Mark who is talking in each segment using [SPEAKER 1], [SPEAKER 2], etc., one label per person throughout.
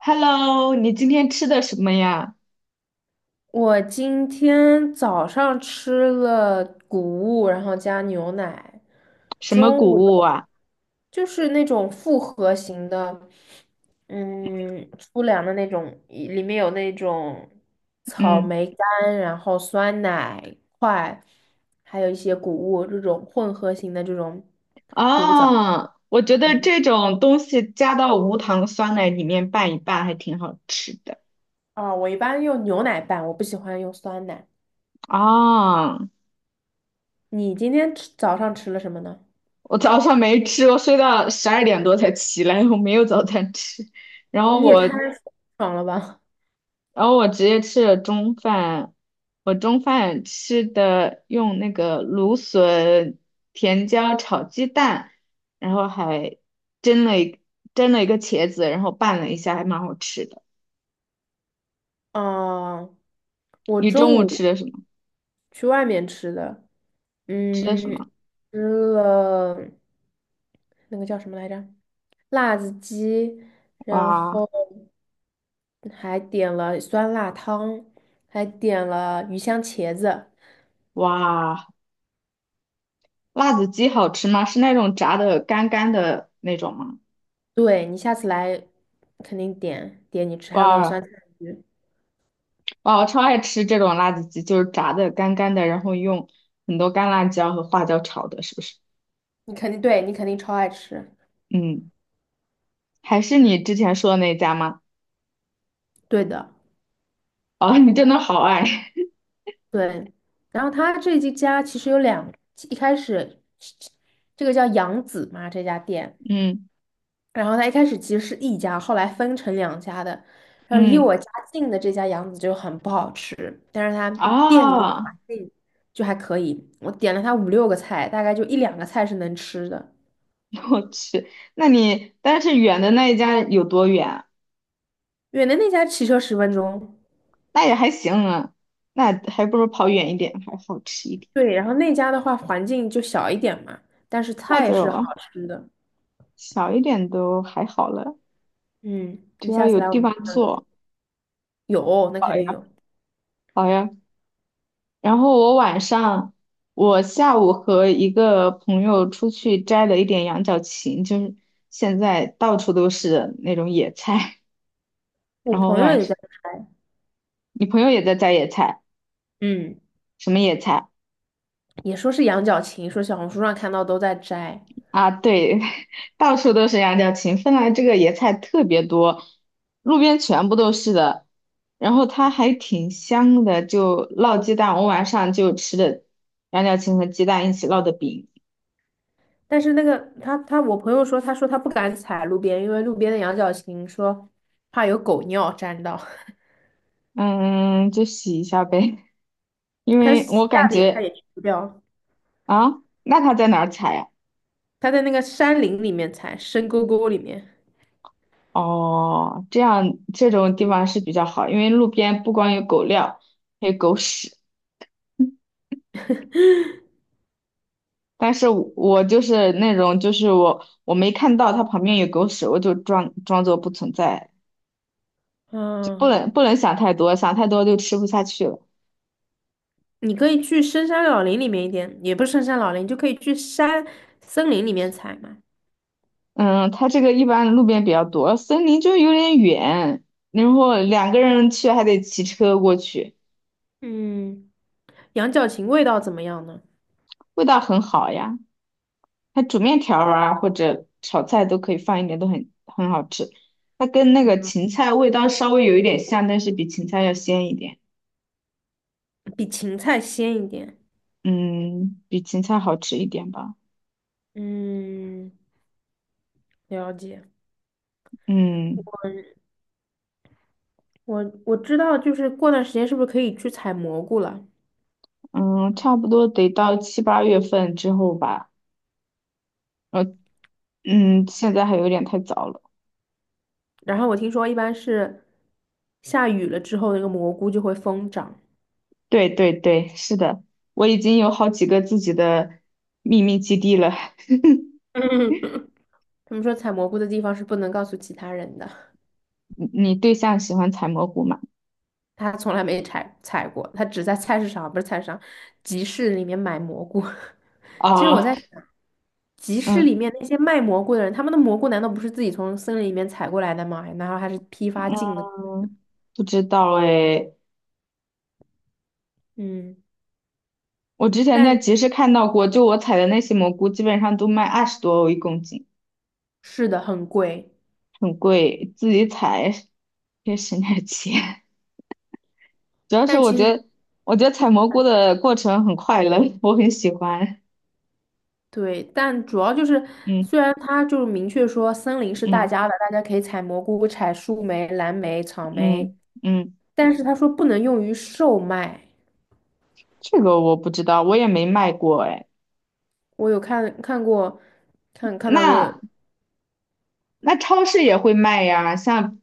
[SPEAKER 1] Hello，你今天吃的什么呀？
[SPEAKER 2] 我今天早上吃了谷物，然后加牛奶，
[SPEAKER 1] 什么
[SPEAKER 2] 中
[SPEAKER 1] 谷
[SPEAKER 2] 午的
[SPEAKER 1] 物啊？
[SPEAKER 2] 就是那种复合型的，粗粮的那种，一里面有那种草
[SPEAKER 1] 嗯，
[SPEAKER 2] 莓干，然后酸奶块，还有一些谷物这种混合型的这种谷物早。
[SPEAKER 1] 啊，我觉得这种东西加到无糖酸奶里面拌一拌还挺好吃的。
[SPEAKER 2] 啊，我一般用牛奶拌，我不喜欢用酸奶。
[SPEAKER 1] 啊，
[SPEAKER 2] 你今天吃早上吃了什么呢？
[SPEAKER 1] 我早上没吃，我睡到12点多才起来，我没有早餐吃。然后
[SPEAKER 2] 你也太
[SPEAKER 1] 我
[SPEAKER 2] 爽了吧！
[SPEAKER 1] 然后我直接吃了中饭，我中饭吃的用那个芦笋、甜椒炒鸡蛋，然后还蒸了一蒸了一个茄子，然后拌了一下，还蛮好吃的。
[SPEAKER 2] 啊，我
[SPEAKER 1] 你
[SPEAKER 2] 中
[SPEAKER 1] 中午吃
[SPEAKER 2] 午
[SPEAKER 1] 的什么？
[SPEAKER 2] 去外面吃的，
[SPEAKER 1] 吃的什
[SPEAKER 2] 嗯，
[SPEAKER 1] 么？
[SPEAKER 2] 吃了那个叫什么来着？辣子鸡，然
[SPEAKER 1] 哇
[SPEAKER 2] 后还点了酸辣汤，还点了鱼香茄子。
[SPEAKER 1] 哇，辣子鸡好吃吗？是那种炸的干干的那种吗？
[SPEAKER 2] 对，你下次来肯定点你吃，还有那个酸
[SPEAKER 1] 哇
[SPEAKER 2] 菜鱼，
[SPEAKER 1] 哇，我超爱吃这种辣子鸡，就是炸的干干的，然后用很多干辣椒和花椒炒的，是不是？
[SPEAKER 2] 你肯定超爱吃。
[SPEAKER 1] 嗯。还是你之前说的那家吗？
[SPEAKER 2] 对的。
[SPEAKER 1] 哦，你真的好爱，
[SPEAKER 2] 对，然后他这一家其实有两，一开始这个叫杨子嘛，这家店，
[SPEAKER 1] 嗯
[SPEAKER 2] 然后他一开始其实是一家，后来分成两家的，然后离
[SPEAKER 1] 嗯，
[SPEAKER 2] 我家近的这家杨子就很不好吃，但是他店里面
[SPEAKER 1] 啊，
[SPEAKER 2] 环境就还可以，我点了他五六个菜，大概就一两个菜是能吃的，
[SPEAKER 1] 我去，那你但是远的那一家有多远啊？
[SPEAKER 2] 远的那家骑车10分钟，
[SPEAKER 1] 那也还行啊，那还不如跑远一点，还好吃一点。
[SPEAKER 2] 对，然后那家的话环境就小一点嘛，但是
[SPEAKER 1] 那
[SPEAKER 2] 菜是好
[SPEAKER 1] 就
[SPEAKER 2] 吃的，
[SPEAKER 1] 小一点都还好了，
[SPEAKER 2] 嗯，你
[SPEAKER 1] 只要
[SPEAKER 2] 下
[SPEAKER 1] 有
[SPEAKER 2] 次来我
[SPEAKER 1] 地方
[SPEAKER 2] 们
[SPEAKER 1] 坐。
[SPEAKER 2] 有，那
[SPEAKER 1] 好
[SPEAKER 2] 肯
[SPEAKER 1] 呀，
[SPEAKER 2] 定有。
[SPEAKER 1] 好呀。然后我晚上，我下午和一个朋友出去摘了一点羊角芹，就是现在到处都是那种野菜。
[SPEAKER 2] 我
[SPEAKER 1] 然后
[SPEAKER 2] 朋友
[SPEAKER 1] 晚
[SPEAKER 2] 也在摘，
[SPEAKER 1] 你朋友也在摘野菜，
[SPEAKER 2] 嗯，
[SPEAKER 1] 什么野菜
[SPEAKER 2] 也说是羊角芹，说小红书上看到都在摘，
[SPEAKER 1] 啊？对，到处都是羊角芹，芬兰这个野菜特别多，路边全部都是的，然后它还挺香的，就烙鸡蛋，我晚上就吃的羊角芹和鸡蛋一起烙的饼，
[SPEAKER 2] 但是那个他我朋友说，他说他不敢采路边，因为路边的羊角芹说怕有狗尿沾到，
[SPEAKER 1] 嗯，就洗一下呗，因
[SPEAKER 2] 他
[SPEAKER 1] 为
[SPEAKER 2] 洗
[SPEAKER 1] 我
[SPEAKER 2] 下
[SPEAKER 1] 感
[SPEAKER 2] 脸他
[SPEAKER 1] 觉
[SPEAKER 2] 也去不掉，
[SPEAKER 1] 啊，那它在哪儿采呀？
[SPEAKER 2] 他在那个山林里面采，深沟沟里面，
[SPEAKER 1] 哦，这样这种地
[SPEAKER 2] 嗯
[SPEAKER 1] 方是比较好，因为路边不光有狗料，还有狗屎。但是我就是那种，就是我没看到它旁边有狗屎，我就装作不存在，就不
[SPEAKER 2] 嗯，
[SPEAKER 1] 能不能想太多，想太多就吃不下去了。
[SPEAKER 2] 你可以去深山老林里面一点，也不是深山老林，就可以去山森林里面采嘛，
[SPEAKER 1] 嗯，它这个一般路边比较多，森林就有点远，然后两个人去还得骑车过去，
[SPEAKER 2] 嗯，羊角芹味道怎么样呢？
[SPEAKER 1] 味道很好呀。它煮面条儿啊或者炒菜都可以放一点，都很好吃。它跟那个
[SPEAKER 2] 嗯，
[SPEAKER 1] 芹菜味道稍微有一点像，但是比芹菜要鲜一点，
[SPEAKER 2] 比芹菜鲜一点。
[SPEAKER 1] 嗯，比芹菜好吃一点吧。
[SPEAKER 2] 嗯，了解。
[SPEAKER 1] 嗯。
[SPEAKER 2] 我知道，就是过段时间是不是可以去采蘑菇了？
[SPEAKER 1] 嗯，差不多得到7、8月份之后吧。呃，嗯，现在还有点太早了。
[SPEAKER 2] 然后我听说一般是下雨了之后，那个蘑菇就会疯长。
[SPEAKER 1] 对对对，是的，我已经有好几个自己的秘密基地了。
[SPEAKER 2] 他们说采蘑菇的地方是不能告诉其他人的，
[SPEAKER 1] 你对象喜欢采蘑菇吗？
[SPEAKER 2] 他从来没采过，他只在菜市场，不是菜市场，集市里面买蘑菇。其实我
[SPEAKER 1] 啊，
[SPEAKER 2] 在想，集市里
[SPEAKER 1] 嗯
[SPEAKER 2] 面那些卖蘑菇的人，他们的蘑菇难道不是自己从森林里面采过来的吗？然后还是批发进的？
[SPEAKER 1] 嗯，不知道哎。
[SPEAKER 2] 嗯，
[SPEAKER 1] 我之前在
[SPEAKER 2] 但
[SPEAKER 1] 集市看到过，就我采的那些蘑菇，基本上都卖20多欧1公斤，
[SPEAKER 2] 是的，很贵。
[SPEAKER 1] 很贵，自己采也省点钱。主要是
[SPEAKER 2] 但
[SPEAKER 1] 我
[SPEAKER 2] 其实
[SPEAKER 1] 觉得，我觉得采蘑菇的过程很快乐，我很喜欢。
[SPEAKER 2] 对，但主要就是，
[SPEAKER 1] 嗯
[SPEAKER 2] 虽然它就是明确说森林是大
[SPEAKER 1] 嗯
[SPEAKER 2] 家的，大家可以采蘑菇、采树莓、蓝莓、草莓，
[SPEAKER 1] 嗯嗯，
[SPEAKER 2] 但是他说不能用于售卖。
[SPEAKER 1] 这个我不知道，我也没卖过哎。
[SPEAKER 2] 我有看过，看到过，
[SPEAKER 1] 那那超市也会卖呀，像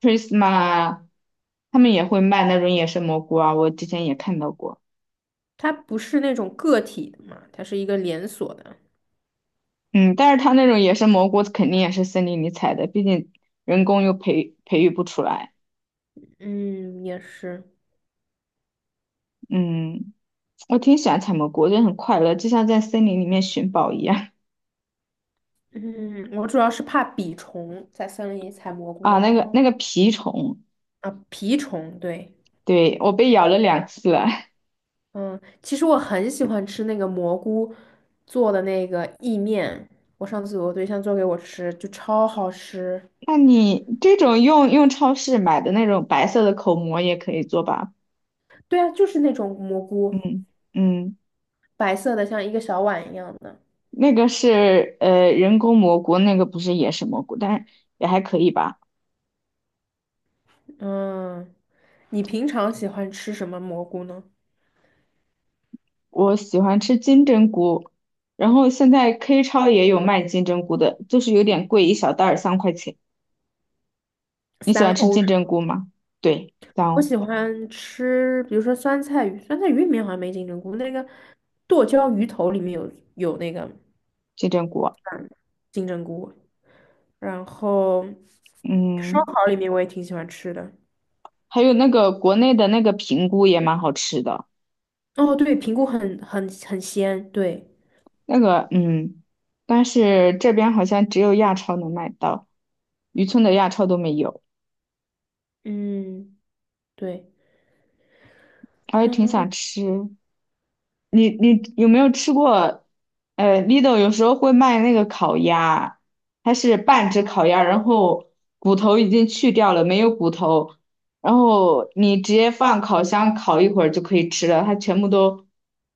[SPEAKER 1] Prisma 啊，他们也会卖那种野生蘑菇啊，我之前也看到过。
[SPEAKER 2] 它不是那种个体的嘛，它是一个连锁的。
[SPEAKER 1] 嗯，但是它那种野生蘑菇肯定也是森林里采的，毕竟人工又培育不出来。
[SPEAKER 2] 嗯，也是。
[SPEAKER 1] 嗯，我挺喜欢采蘑菇，我觉得很快乐，就像在森林里面寻宝一样。
[SPEAKER 2] 嗯，我主要是怕蜱虫，在森林里采蘑菇
[SPEAKER 1] 啊，
[SPEAKER 2] 的
[SPEAKER 1] 那
[SPEAKER 2] 时
[SPEAKER 1] 个
[SPEAKER 2] 候
[SPEAKER 1] 那个蜱虫，
[SPEAKER 2] 啊，蜱虫，对。
[SPEAKER 1] 对，我被咬了2次了。
[SPEAKER 2] 嗯，其实我很喜欢吃那个蘑菇做的那个意面，我上次我对象做给我吃，就超好吃。
[SPEAKER 1] 那你这种用超市买的那种白色的口蘑也可以做吧？
[SPEAKER 2] 对啊，就是那种蘑菇，
[SPEAKER 1] 嗯嗯，
[SPEAKER 2] 白色的，像一个小碗一样的。
[SPEAKER 1] 那个是人工蘑菇，那个不是野生蘑菇，但是也还可以吧。
[SPEAKER 2] 嗯，你平常喜欢吃什么蘑菇呢？
[SPEAKER 1] 我喜欢吃金针菇，然后现在 K 超也有卖金针菇的，就是有点贵，一小袋儿3块钱。你喜
[SPEAKER 2] 三
[SPEAKER 1] 欢吃
[SPEAKER 2] 欧
[SPEAKER 1] 金
[SPEAKER 2] 是
[SPEAKER 1] 针
[SPEAKER 2] 吗？
[SPEAKER 1] 菇吗？对，
[SPEAKER 2] 我
[SPEAKER 1] 当
[SPEAKER 2] 喜欢吃，比如说酸菜鱼，酸菜鱼里面好像没金针菇，那个剁椒鱼头里面有那个
[SPEAKER 1] 金针菇啊，
[SPEAKER 2] 金针菇，然后烧
[SPEAKER 1] 嗯，
[SPEAKER 2] 烤里面我也挺喜欢吃的。
[SPEAKER 1] 还有那个国内的那个平菇也蛮好吃的。
[SPEAKER 2] 哦，对，平谷很鲜，对，
[SPEAKER 1] 那个，嗯，但是这边好像只有亚超能买到，渔村的亚超都没有，
[SPEAKER 2] 嗯，对，
[SPEAKER 1] 我也挺想吃。你你有没有吃过？Lidl 有时候会卖那个烤鸭，它是半只烤鸭，然后骨头已经去掉了，没有骨头，然后你直接放烤箱烤一会儿就可以吃了，它全部都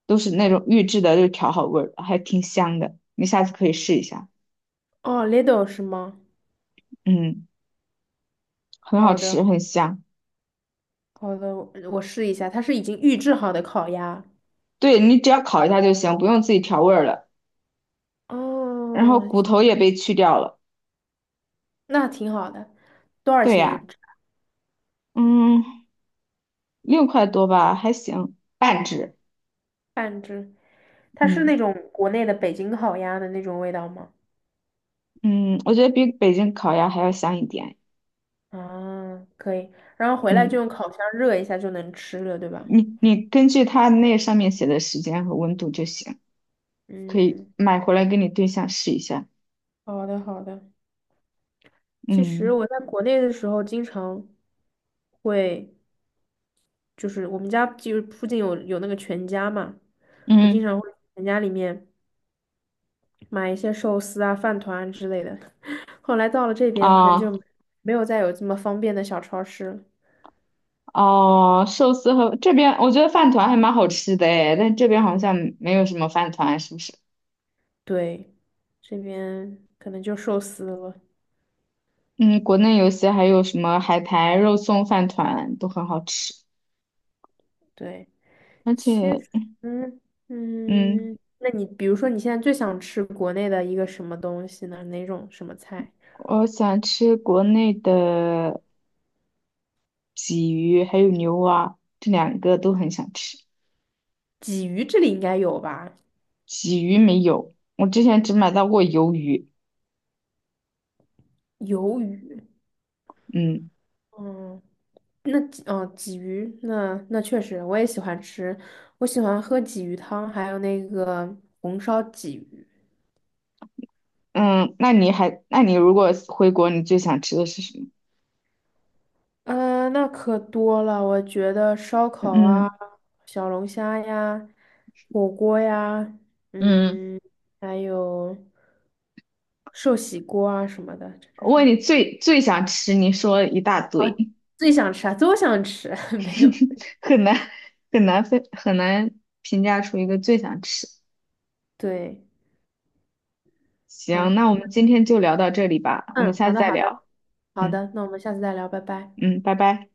[SPEAKER 1] 都是那种预制的，就调好味儿，还挺香的，你下次可以试一下，
[SPEAKER 2] 哦 Lidl 是吗？
[SPEAKER 1] 嗯，很好
[SPEAKER 2] 好的，
[SPEAKER 1] 吃，很香。
[SPEAKER 2] 好的，我试一下，它是已经预制好的烤鸭，
[SPEAKER 1] 对，你只要烤一下就行，不用自己调味儿了。然后
[SPEAKER 2] 哦，
[SPEAKER 1] 骨头也被去掉了。
[SPEAKER 2] 那挺好的，多少
[SPEAKER 1] 对
[SPEAKER 2] 钱一
[SPEAKER 1] 呀，
[SPEAKER 2] 只？
[SPEAKER 1] 嗯，6块多吧，还行，半只。
[SPEAKER 2] 半只？它是那
[SPEAKER 1] 嗯
[SPEAKER 2] 种国内的北京烤鸭的那种味道吗？
[SPEAKER 1] 嗯，我觉得比北京烤鸭还要香一点。
[SPEAKER 2] 啊，可以，然后回来就
[SPEAKER 1] 嗯，
[SPEAKER 2] 用烤箱热一下就能吃了，对吧？
[SPEAKER 1] 你根据它那上面写的时间和温度就行，可以
[SPEAKER 2] 嗯，
[SPEAKER 1] 买回来给你对象试一下。
[SPEAKER 2] 好的，好的。其实
[SPEAKER 1] 嗯
[SPEAKER 2] 我在国内的时候，经常会就是我们家就是附近有那个全家嘛，我经
[SPEAKER 1] 嗯
[SPEAKER 2] 常会去全家里面买一些寿司啊、饭团啊之类的。后来到了这边，好像
[SPEAKER 1] 啊
[SPEAKER 2] 就没有再有这么方便的小超市了。
[SPEAKER 1] 哦，寿司和这边我觉得饭团还蛮好吃的诶，但这边好像没有什么饭团，是不是？
[SPEAKER 2] 对，这边可能就寿司了。
[SPEAKER 1] 嗯，国内有些还有什么海苔肉松饭团都很好吃，
[SPEAKER 2] 对，
[SPEAKER 1] 而且，
[SPEAKER 2] 其实，嗯，
[SPEAKER 1] 嗯，
[SPEAKER 2] 嗯那你比如说你现在最想吃国内的一个什么东西呢？哪种什么菜？
[SPEAKER 1] 我想吃国内的鲫鱼还有牛蛙，这两个都很想吃。
[SPEAKER 2] 鲫鱼这里应该有吧？
[SPEAKER 1] 鲫鱼没有，我之前只买到过鱿鱼。
[SPEAKER 2] 鱿鱼。
[SPEAKER 1] 嗯
[SPEAKER 2] 嗯。那鲫哦，鲫鱼，那确实，我也喜欢吃，我喜欢喝鲫鱼汤，还有那个红烧鲫鱼。
[SPEAKER 1] 嗯，那你还，那你如果回国，你最想吃的是什么？
[SPEAKER 2] 呃，那可多了，我觉得烧烤啊，
[SPEAKER 1] 嗯
[SPEAKER 2] 小龙虾呀，火锅呀，
[SPEAKER 1] 嗯，
[SPEAKER 2] 嗯，还有寿喜锅啊什么的，这这
[SPEAKER 1] 我问
[SPEAKER 2] 种
[SPEAKER 1] 你最想吃，你说了一大堆，
[SPEAKER 2] 最想吃啊，都想吃，没有，
[SPEAKER 1] 很难很难分，很难评价出一个最想吃。
[SPEAKER 2] 对，好，
[SPEAKER 1] 行，那我们今天就聊到这里吧，我们
[SPEAKER 2] 嗯，
[SPEAKER 1] 下
[SPEAKER 2] 好
[SPEAKER 1] 次
[SPEAKER 2] 的，好
[SPEAKER 1] 再
[SPEAKER 2] 的，
[SPEAKER 1] 聊。
[SPEAKER 2] 好
[SPEAKER 1] 嗯
[SPEAKER 2] 的，那我们下次再聊，拜拜。
[SPEAKER 1] 嗯，拜拜。